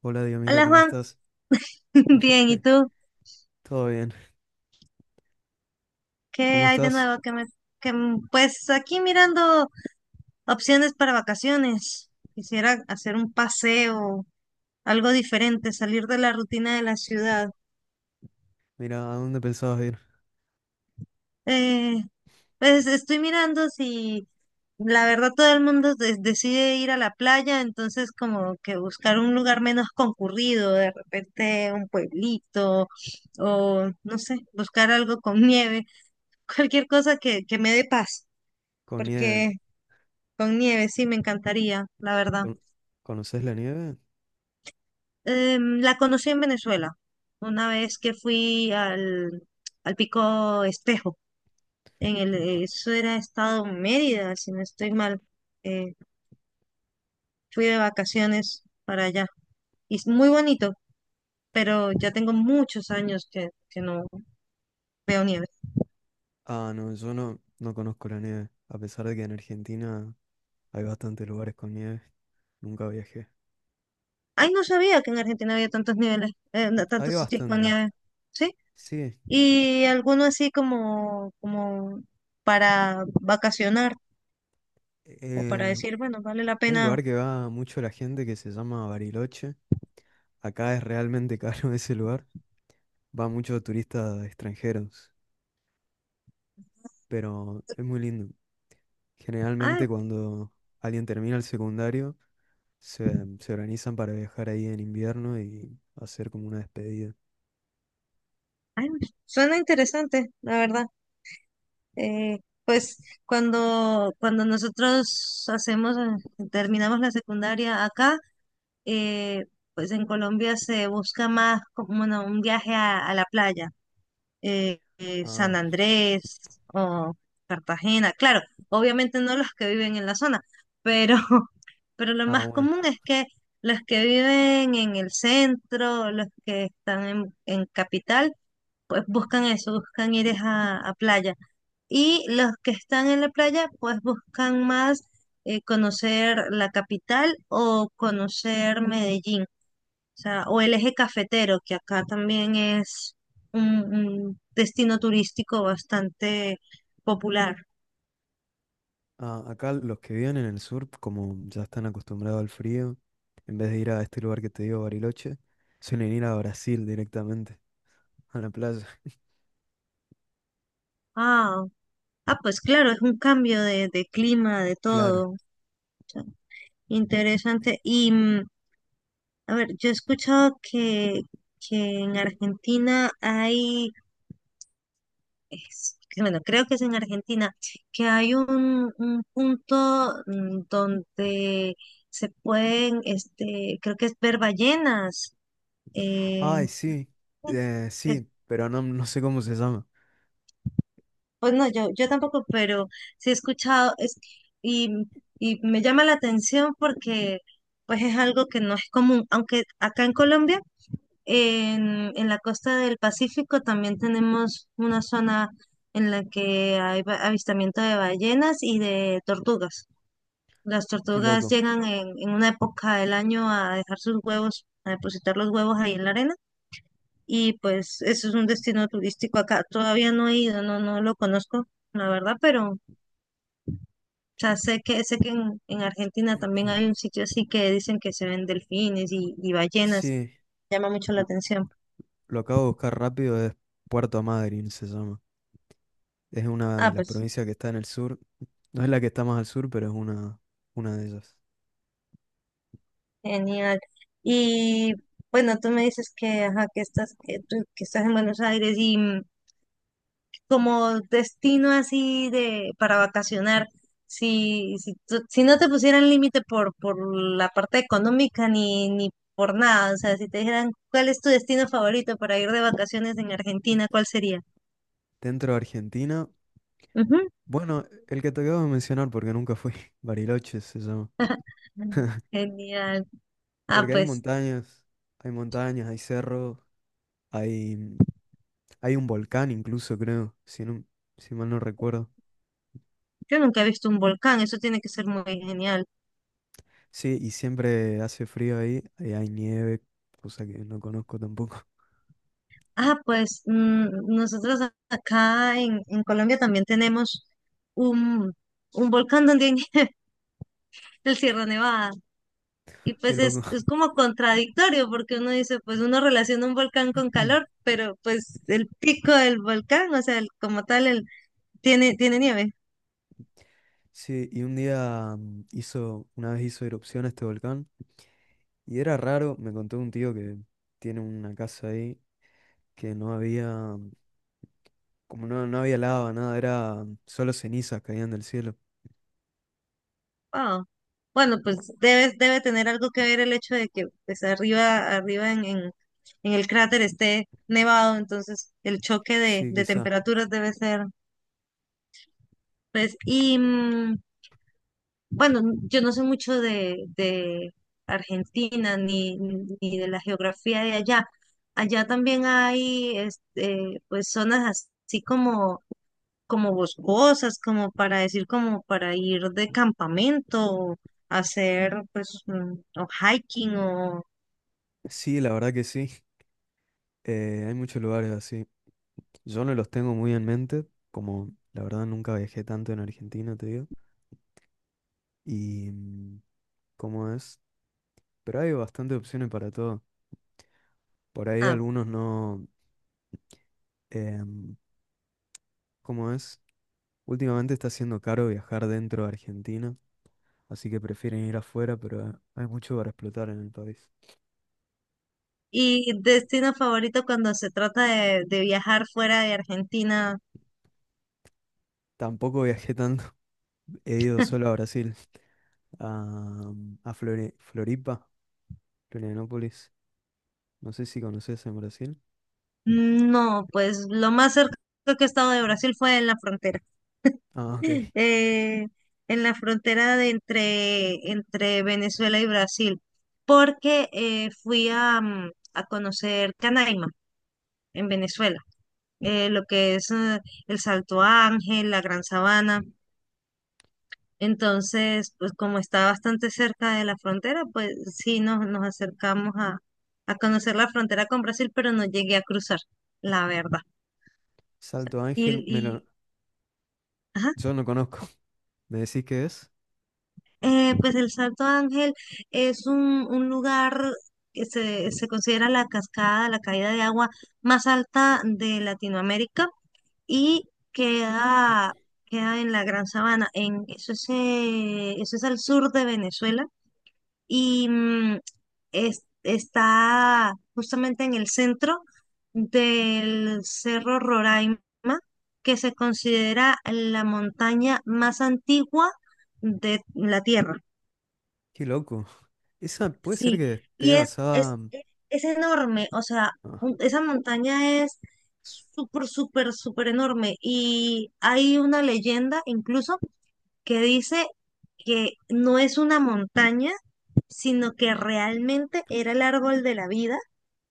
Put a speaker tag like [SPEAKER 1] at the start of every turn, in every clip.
[SPEAKER 1] Hola, Dios, mira,
[SPEAKER 2] Hola
[SPEAKER 1] ¿cómo
[SPEAKER 2] Juan,
[SPEAKER 1] estás?
[SPEAKER 2] bien, ¿y tú?
[SPEAKER 1] Todo bien.
[SPEAKER 2] ¿Qué
[SPEAKER 1] ¿Cómo
[SPEAKER 2] hay de
[SPEAKER 1] estás?
[SPEAKER 2] nuevo? Que me, que, mm, Pues aquí mirando opciones para vacaciones. Quisiera hacer un paseo, algo diferente, salir de la rutina de la ciudad.
[SPEAKER 1] Mira, ¿a dónde pensabas ir?
[SPEAKER 2] Eh, pues estoy mirando si, la verdad, todo el mundo decide ir a la playa, entonces como que buscar un lugar menos concurrido, de repente un pueblito o no sé, buscar algo con nieve, cualquier cosa que me dé paz,
[SPEAKER 1] ¿Con nieve?
[SPEAKER 2] porque con nieve, sí, me encantaría, la verdad.
[SPEAKER 1] ¿Con... ¿Conoces la nieve?
[SPEAKER 2] La conocí en Venezuela, una vez que fui al Pico Espejo, en el, eso era estado Mérida, si no estoy mal. Eh, Fui de vacaciones para allá. Y es muy bonito, pero ya tengo muchos años que no veo nieve.
[SPEAKER 1] Ah, no, yo no, no conozco la nieve. A pesar de que en Argentina hay bastantes lugares con nieve, nunca viajé.
[SPEAKER 2] Ay, no sabía que en Argentina había tantos niveles, no,
[SPEAKER 1] Hay
[SPEAKER 2] tantos sitios con
[SPEAKER 1] bastante.
[SPEAKER 2] nieve. ¿Sí?
[SPEAKER 1] Sí,
[SPEAKER 2] Y alguno así como para vacacionar. O para
[SPEAKER 1] el...
[SPEAKER 2] decir, bueno, vale la
[SPEAKER 1] hay un
[SPEAKER 2] pena.
[SPEAKER 1] lugar que va mucho la gente que se llama Bariloche. Acá es realmente caro ese lugar. Va mucho turistas extranjeros, pero es muy lindo.
[SPEAKER 2] Ah,
[SPEAKER 1] Generalmente cuando alguien termina el secundario, se organizan para viajar ahí en invierno y hacer como una despedida.
[SPEAKER 2] ay, suena interesante, la verdad. Eh, pues cuando nosotros hacemos, terminamos la secundaria acá, eh, pues en Colombia se busca más como, bueno, un viaje a la playa, San
[SPEAKER 1] Ah,
[SPEAKER 2] Andrés o Cartagena. Claro, obviamente no los que viven en la zona, pero pero lo
[SPEAKER 1] ah,
[SPEAKER 2] más
[SPEAKER 1] bueno.
[SPEAKER 2] común es que los que viven en el centro, los que están en capital, pues buscan eso, buscan ir es a playa. Y los que están en la playa, pues buscan más conocer la capital o conocer Medellín, o sea, o el eje cafetero, que acá también es un destino turístico bastante popular.
[SPEAKER 1] Ah, acá los que viven en el sur, como ya están acostumbrados al frío, en vez de ir a este lugar que te digo, Bariloche, suelen ir a Brasil directamente, a la playa.
[SPEAKER 2] Ah, ah, pues claro, es un cambio de clima, de
[SPEAKER 1] Claro.
[SPEAKER 2] todo. Interesante. A ver, yo he escuchado que en Argentina hay, bueno, creo que es en Argentina, que hay un punto, mm, donde se pueden, este, creo que es ver ballenas. eh,
[SPEAKER 1] Ay, sí.
[SPEAKER 2] sí, es-
[SPEAKER 1] Sí, pero no, no sé cómo se llama.
[SPEAKER 2] pues no, yo tampoco, pero sí he escuchado, es, y, y me llama la atención porque pues es algo que no es común, aunque acá en Colombia, en la costa del Pacífico también tenemos una zona en la que hay avistamiento de ballenas y de tortugas. Las
[SPEAKER 1] Qué
[SPEAKER 2] tortugas
[SPEAKER 1] loco.
[SPEAKER 2] llegan en una época del año a dejar sus huevos, a depositar los huevos ahí en la arena. Y pues eso es un destino turístico acá. Todavía no he ido, no, no lo conozco, la verdad, pero ya sé que en Argentina también hay un sitio así que dicen que se ven delfines y ballenas.
[SPEAKER 1] Sí,
[SPEAKER 2] Llama mucho la
[SPEAKER 1] lo
[SPEAKER 2] atención.
[SPEAKER 1] lo acabo de buscar rápido, es Puerto Madryn se llama. Es una de
[SPEAKER 2] Ah,
[SPEAKER 1] las
[SPEAKER 2] pues.
[SPEAKER 1] provincias que está en el sur. No es la que está más al sur, pero es una de ellas.
[SPEAKER 2] Genial. Y bueno, tú me dices que, ajá, que estás, que estás en Buenos Aires y, mm, como destino así de para vacacionar, si no te pusieran límite por la parte económica ni por nada, o sea, si te dijeran cuál es tu destino favorito para ir de vacaciones en Argentina, ¿cuál sería?
[SPEAKER 1] Dentro de Argentina,
[SPEAKER 2] Ujú.
[SPEAKER 1] bueno, el que te acabo de mencionar porque nunca fui, Bariloche se llama.
[SPEAKER 2] Genial. Ah,
[SPEAKER 1] Porque hay
[SPEAKER 2] pues
[SPEAKER 1] montañas, hay montañas, hay cerros, hay, mm, hay un volcán incluso, creo, si mal no recuerdo.
[SPEAKER 2] yo nunca he visto un volcán, eso tiene que ser muy genial.
[SPEAKER 1] Sí, y siempre hace frío ahí, ahí hay nieve, cosa que no conozco tampoco.
[SPEAKER 2] Ah, pues, mm, nosotros acá en Colombia también tenemos un, un volcán donde hay el Sierra Nevada. Y
[SPEAKER 1] Qué
[SPEAKER 2] pues
[SPEAKER 1] loco.
[SPEAKER 2] es como contradictorio porque uno dice, pues uno relaciona un volcán con calor, pero pues el pico del volcán, o sea, el, como tal, el, tiene nieve.
[SPEAKER 1] Sí, y un día hizo, una vez hizo erupción este volcán. Y era raro, me contó un tío que tiene una casa ahí, que no había, como no había lava, nada, era solo cenizas caían del cielo.
[SPEAKER 2] Wow. Bueno, pues debe tener algo que ver el hecho de que pues arriba, arriba en el cráter esté nevado, entonces el choque
[SPEAKER 1] Sí,
[SPEAKER 2] de
[SPEAKER 1] quizá.
[SPEAKER 2] temperaturas debe ser, pues, y... mm, bueno, yo no sé mucho de Argentina, ni de la geografía de allá. Allá también hay este, pues zonas así como boscosas, como para decir, como para ir de campamento, hacer pues, mm, o hiking o
[SPEAKER 1] Sí, la verdad que sí. Hay muchos lugares así. Yo no los tengo muy en mente, como la verdad nunca viajé tanto en Argentina, te digo. Y mm, ¿Cómo es? Pero hay bastantes opciones para todo. Por ahí
[SPEAKER 2] ah,
[SPEAKER 1] algunos no. em, ¿Cómo es? Últimamente está siendo caro viajar dentro de Argentina, así que prefieren ir afuera, pero hay mucho para explotar en el país.
[SPEAKER 2] y destino favorito cuando se trata de viajar fuera de Argentina,
[SPEAKER 1] Tampoco viajé tanto, he ido solo a Brasil, a, a Floripa, Florianópolis. No sé si conoces en Brasil.
[SPEAKER 2] no, pues lo más cerca que he estado de Brasil fue en la frontera.
[SPEAKER 1] Ah, ok.
[SPEAKER 2] eh, en la frontera de entre Venezuela y Brasil, porque fui a, mm, a conocer Canaima en Venezuela, lo que es, el Salto Ángel, la Gran Sabana. Entonces, pues como está bastante cerca de la frontera, pues sí nos, nos acercamos a conocer la frontera con Brasil, pero no llegué a cruzar, la verdad.
[SPEAKER 1] Salto Ángel, me lo-
[SPEAKER 2] Y, ajá.
[SPEAKER 1] Yo no conozco. ¿Me decís qué es?
[SPEAKER 2] Pues el Salto Ángel es un lugar que se considera la cascada, la caída de agua más alta de Latinoamérica y queda, queda en la Gran Sabana. Eso es, eso es al sur de Venezuela y, mm, está justamente en el centro del Cerro Roraima, que se considera la montaña más antigua de la Tierra.
[SPEAKER 1] Qué loco. Esa puede ser
[SPEAKER 2] Sí,
[SPEAKER 1] que
[SPEAKER 2] y
[SPEAKER 1] esté basada.
[SPEAKER 2] es enorme, o sea,
[SPEAKER 1] Ah,
[SPEAKER 2] esa montaña es súper, súper, súper enorme. Y hay una leyenda incluso que dice que no es una montaña, sino que realmente era el árbol de la vida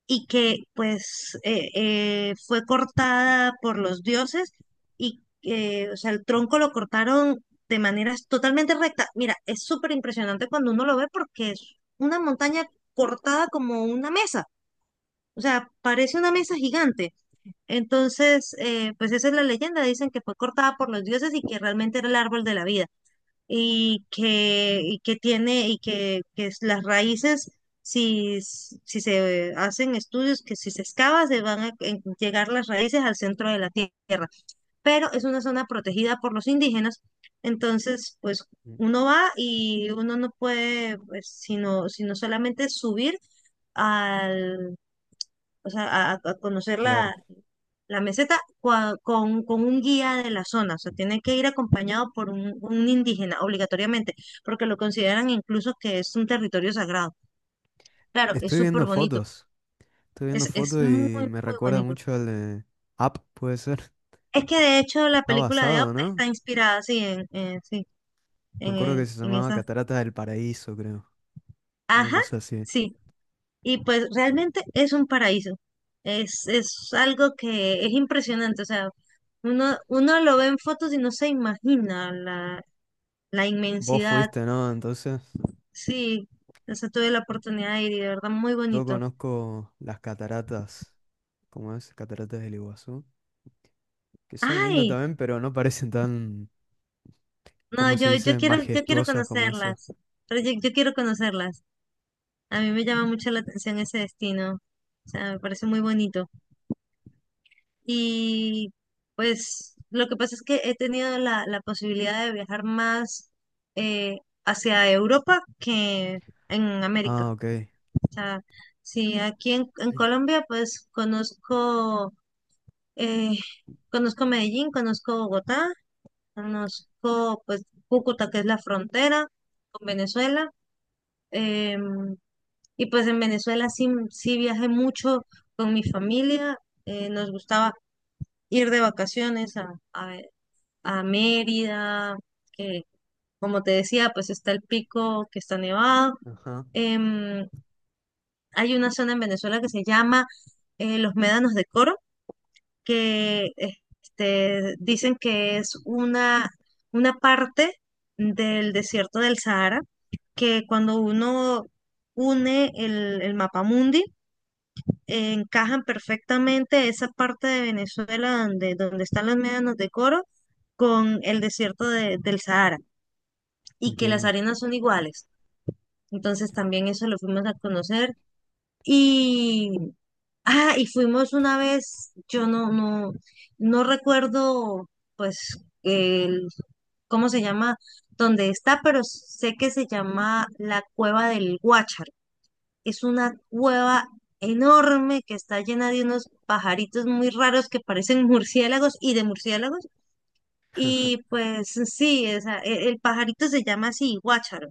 [SPEAKER 2] y que pues fue cortada por los dioses y o sea, el tronco lo cortaron de manera totalmente recta. Mira, es súper impresionante cuando uno lo ve porque es una montaña cortada como una mesa, o sea, parece una mesa gigante. Entonces, pues esa es la leyenda, dicen que fue cortada por los dioses y que realmente era el árbol de la vida y que tiene que es las raíces, si, si se hacen estudios, que si se excava, se van a llegar las raíces al centro de la tierra. Pero es una zona protegida por los indígenas, entonces, pues
[SPEAKER 1] mm,
[SPEAKER 2] uno va y uno no puede, pues, sino solamente subir al, o sea, a conocer
[SPEAKER 1] claro.
[SPEAKER 2] la meseta con un guía de la zona, o sea, tiene que ir acompañado por un indígena obligatoriamente, porque lo consideran incluso que es un territorio sagrado. Claro, es
[SPEAKER 1] Estoy
[SPEAKER 2] súper
[SPEAKER 1] viendo
[SPEAKER 2] bonito,
[SPEAKER 1] fotos. Estoy viendo
[SPEAKER 2] es, es
[SPEAKER 1] fotos
[SPEAKER 2] muy,
[SPEAKER 1] y me
[SPEAKER 2] muy
[SPEAKER 1] recuerda
[SPEAKER 2] bonito.
[SPEAKER 1] mucho al de Up, puede ser.
[SPEAKER 2] Es que de hecho la
[SPEAKER 1] Está
[SPEAKER 2] película de Up
[SPEAKER 1] basado, ¿no?
[SPEAKER 2] está inspirada, sí, en, sí,
[SPEAKER 1] Me acuerdo que se
[SPEAKER 2] en
[SPEAKER 1] llamaba
[SPEAKER 2] esa.
[SPEAKER 1] Cataratas del Paraíso, creo. Una
[SPEAKER 2] Ajá,
[SPEAKER 1] cosa así.
[SPEAKER 2] sí. Y pues realmente es un paraíso. Es algo que es impresionante, o sea, uno lo ve en fotos y no se imagina la
[SPEAKER 1] Vos
[SPEAKER 2] inmensidad.
[SPEAKER 1] fuiste, ¿no? Entonces,
[SPEAKER 2] Sí, eso tuve la oportunidad de ir y de verdad muy
[SPEAKER 1] yo
[SPEAKER 2] bonito.
[SPEAKER 1] conozco las cataratas, ¿cómo es? Cataratas del Iguazú, que son lindas
[SPEAKER 2] Ay,
[SPEAKER 1] también, pero no parecen tan,
[SPEAKER 2] no,
[SPEAKER 1] ¿cómo se dice?
[SPEAKER 2] yo quiero
[SPEAKER 1] Majestuosas como esas.
[SPEAKER 2] conocerlas, pero yo quiero conocerlas. A mí me llama mucho la atención ese destino, o sea, me parece muy bonito. Y pues lo que pasa es que he tenido la, la posibilidad de viajar más eh, hacia Europa que en América.
[SPEAKER 1] Ah, ok.
[SPEAKER 2] O sea, sí, aquí en Colombia pues conozco... eh, Conozco Medellín, conozco Bogotá, conozco pues Cúcuta, que es la frontera con Venezuela. em, y pues en Venezuela sí, sí viajé mucho con mi familia. Nos gustaba ir de vacaciones a, a Mérida, que, como te decía, pues está el pico que está nevado.
[SPEAKER 1] Ajá,
[SPEAKER 2] Em, Hay una zona en Venezuela que se llama, Los Médanos de Coro, que este, dicen que es una parte del desierto del Sahara, que cuando uno une el mapamundi, encajan perfectamente esa parte de Venezuela donde, donde están los médanos de Coro con el desierto del Sahara y que las
[SPEAKER 1] entiendo.
[SPEAKER 2] arenas son iguales. Entonces también eso lo fuimos a conocer y ah, y fuimos una vez, yo no recuerdo, pues, el, cómo se llama, dónde está, pero sé que se llama la Cueva del Guácharo. Es una cueva enorme que está llena de unos pajaritos muy raros que parecen murciélagos y de murciélagos. Y pues sí, el pajarito se llama así, Guácharo.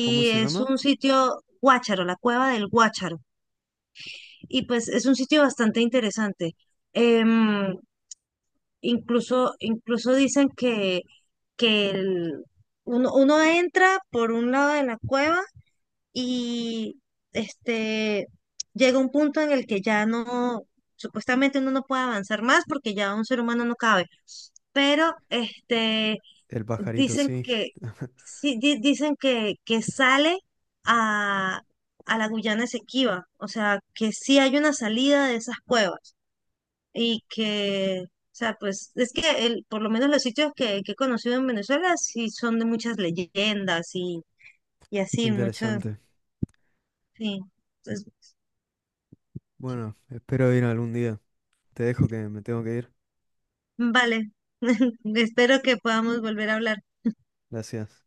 [SPEAKER 1] ¿Cómo se
[SPEAKER 2] es
[SPEAKER 1] llama?
[SPEAKER 2] un sitio, Guácharo, la Cueva del Guácharo. Y pues es un sitio bastante interesante. Em, incluso incluso dicen que uno entra por un lado de la cueva y este llega un punto en el que ya no, supuestamente uno no puede avanzar más porque ya un ser humano no cabe. Pero este
[SPEAKER 1] El pajarito,
[SPEAKER 2] dicen
[SPEAKER 1] sí.
[SPEAKER 2] que, sí, dicen que sale a, a la Guyana Esequiba, o sea, que sí hay una salida de esas cuevas y que, o sea, pues es que el, por lo menos los sitios que he conocido en Venezuela sí son de muchas leyendas y así, mucho,
[SPEAKER 1] Interesante.
[SPEAKER 2] sí. Entonces,
[SPEAKER 1] Bueno, espero ir algún día. Te dejo que me tengo que ir.
[SPEAKER 2] vale, espero que podamos volver a hablar.
[SPEAKER 1] Gracias.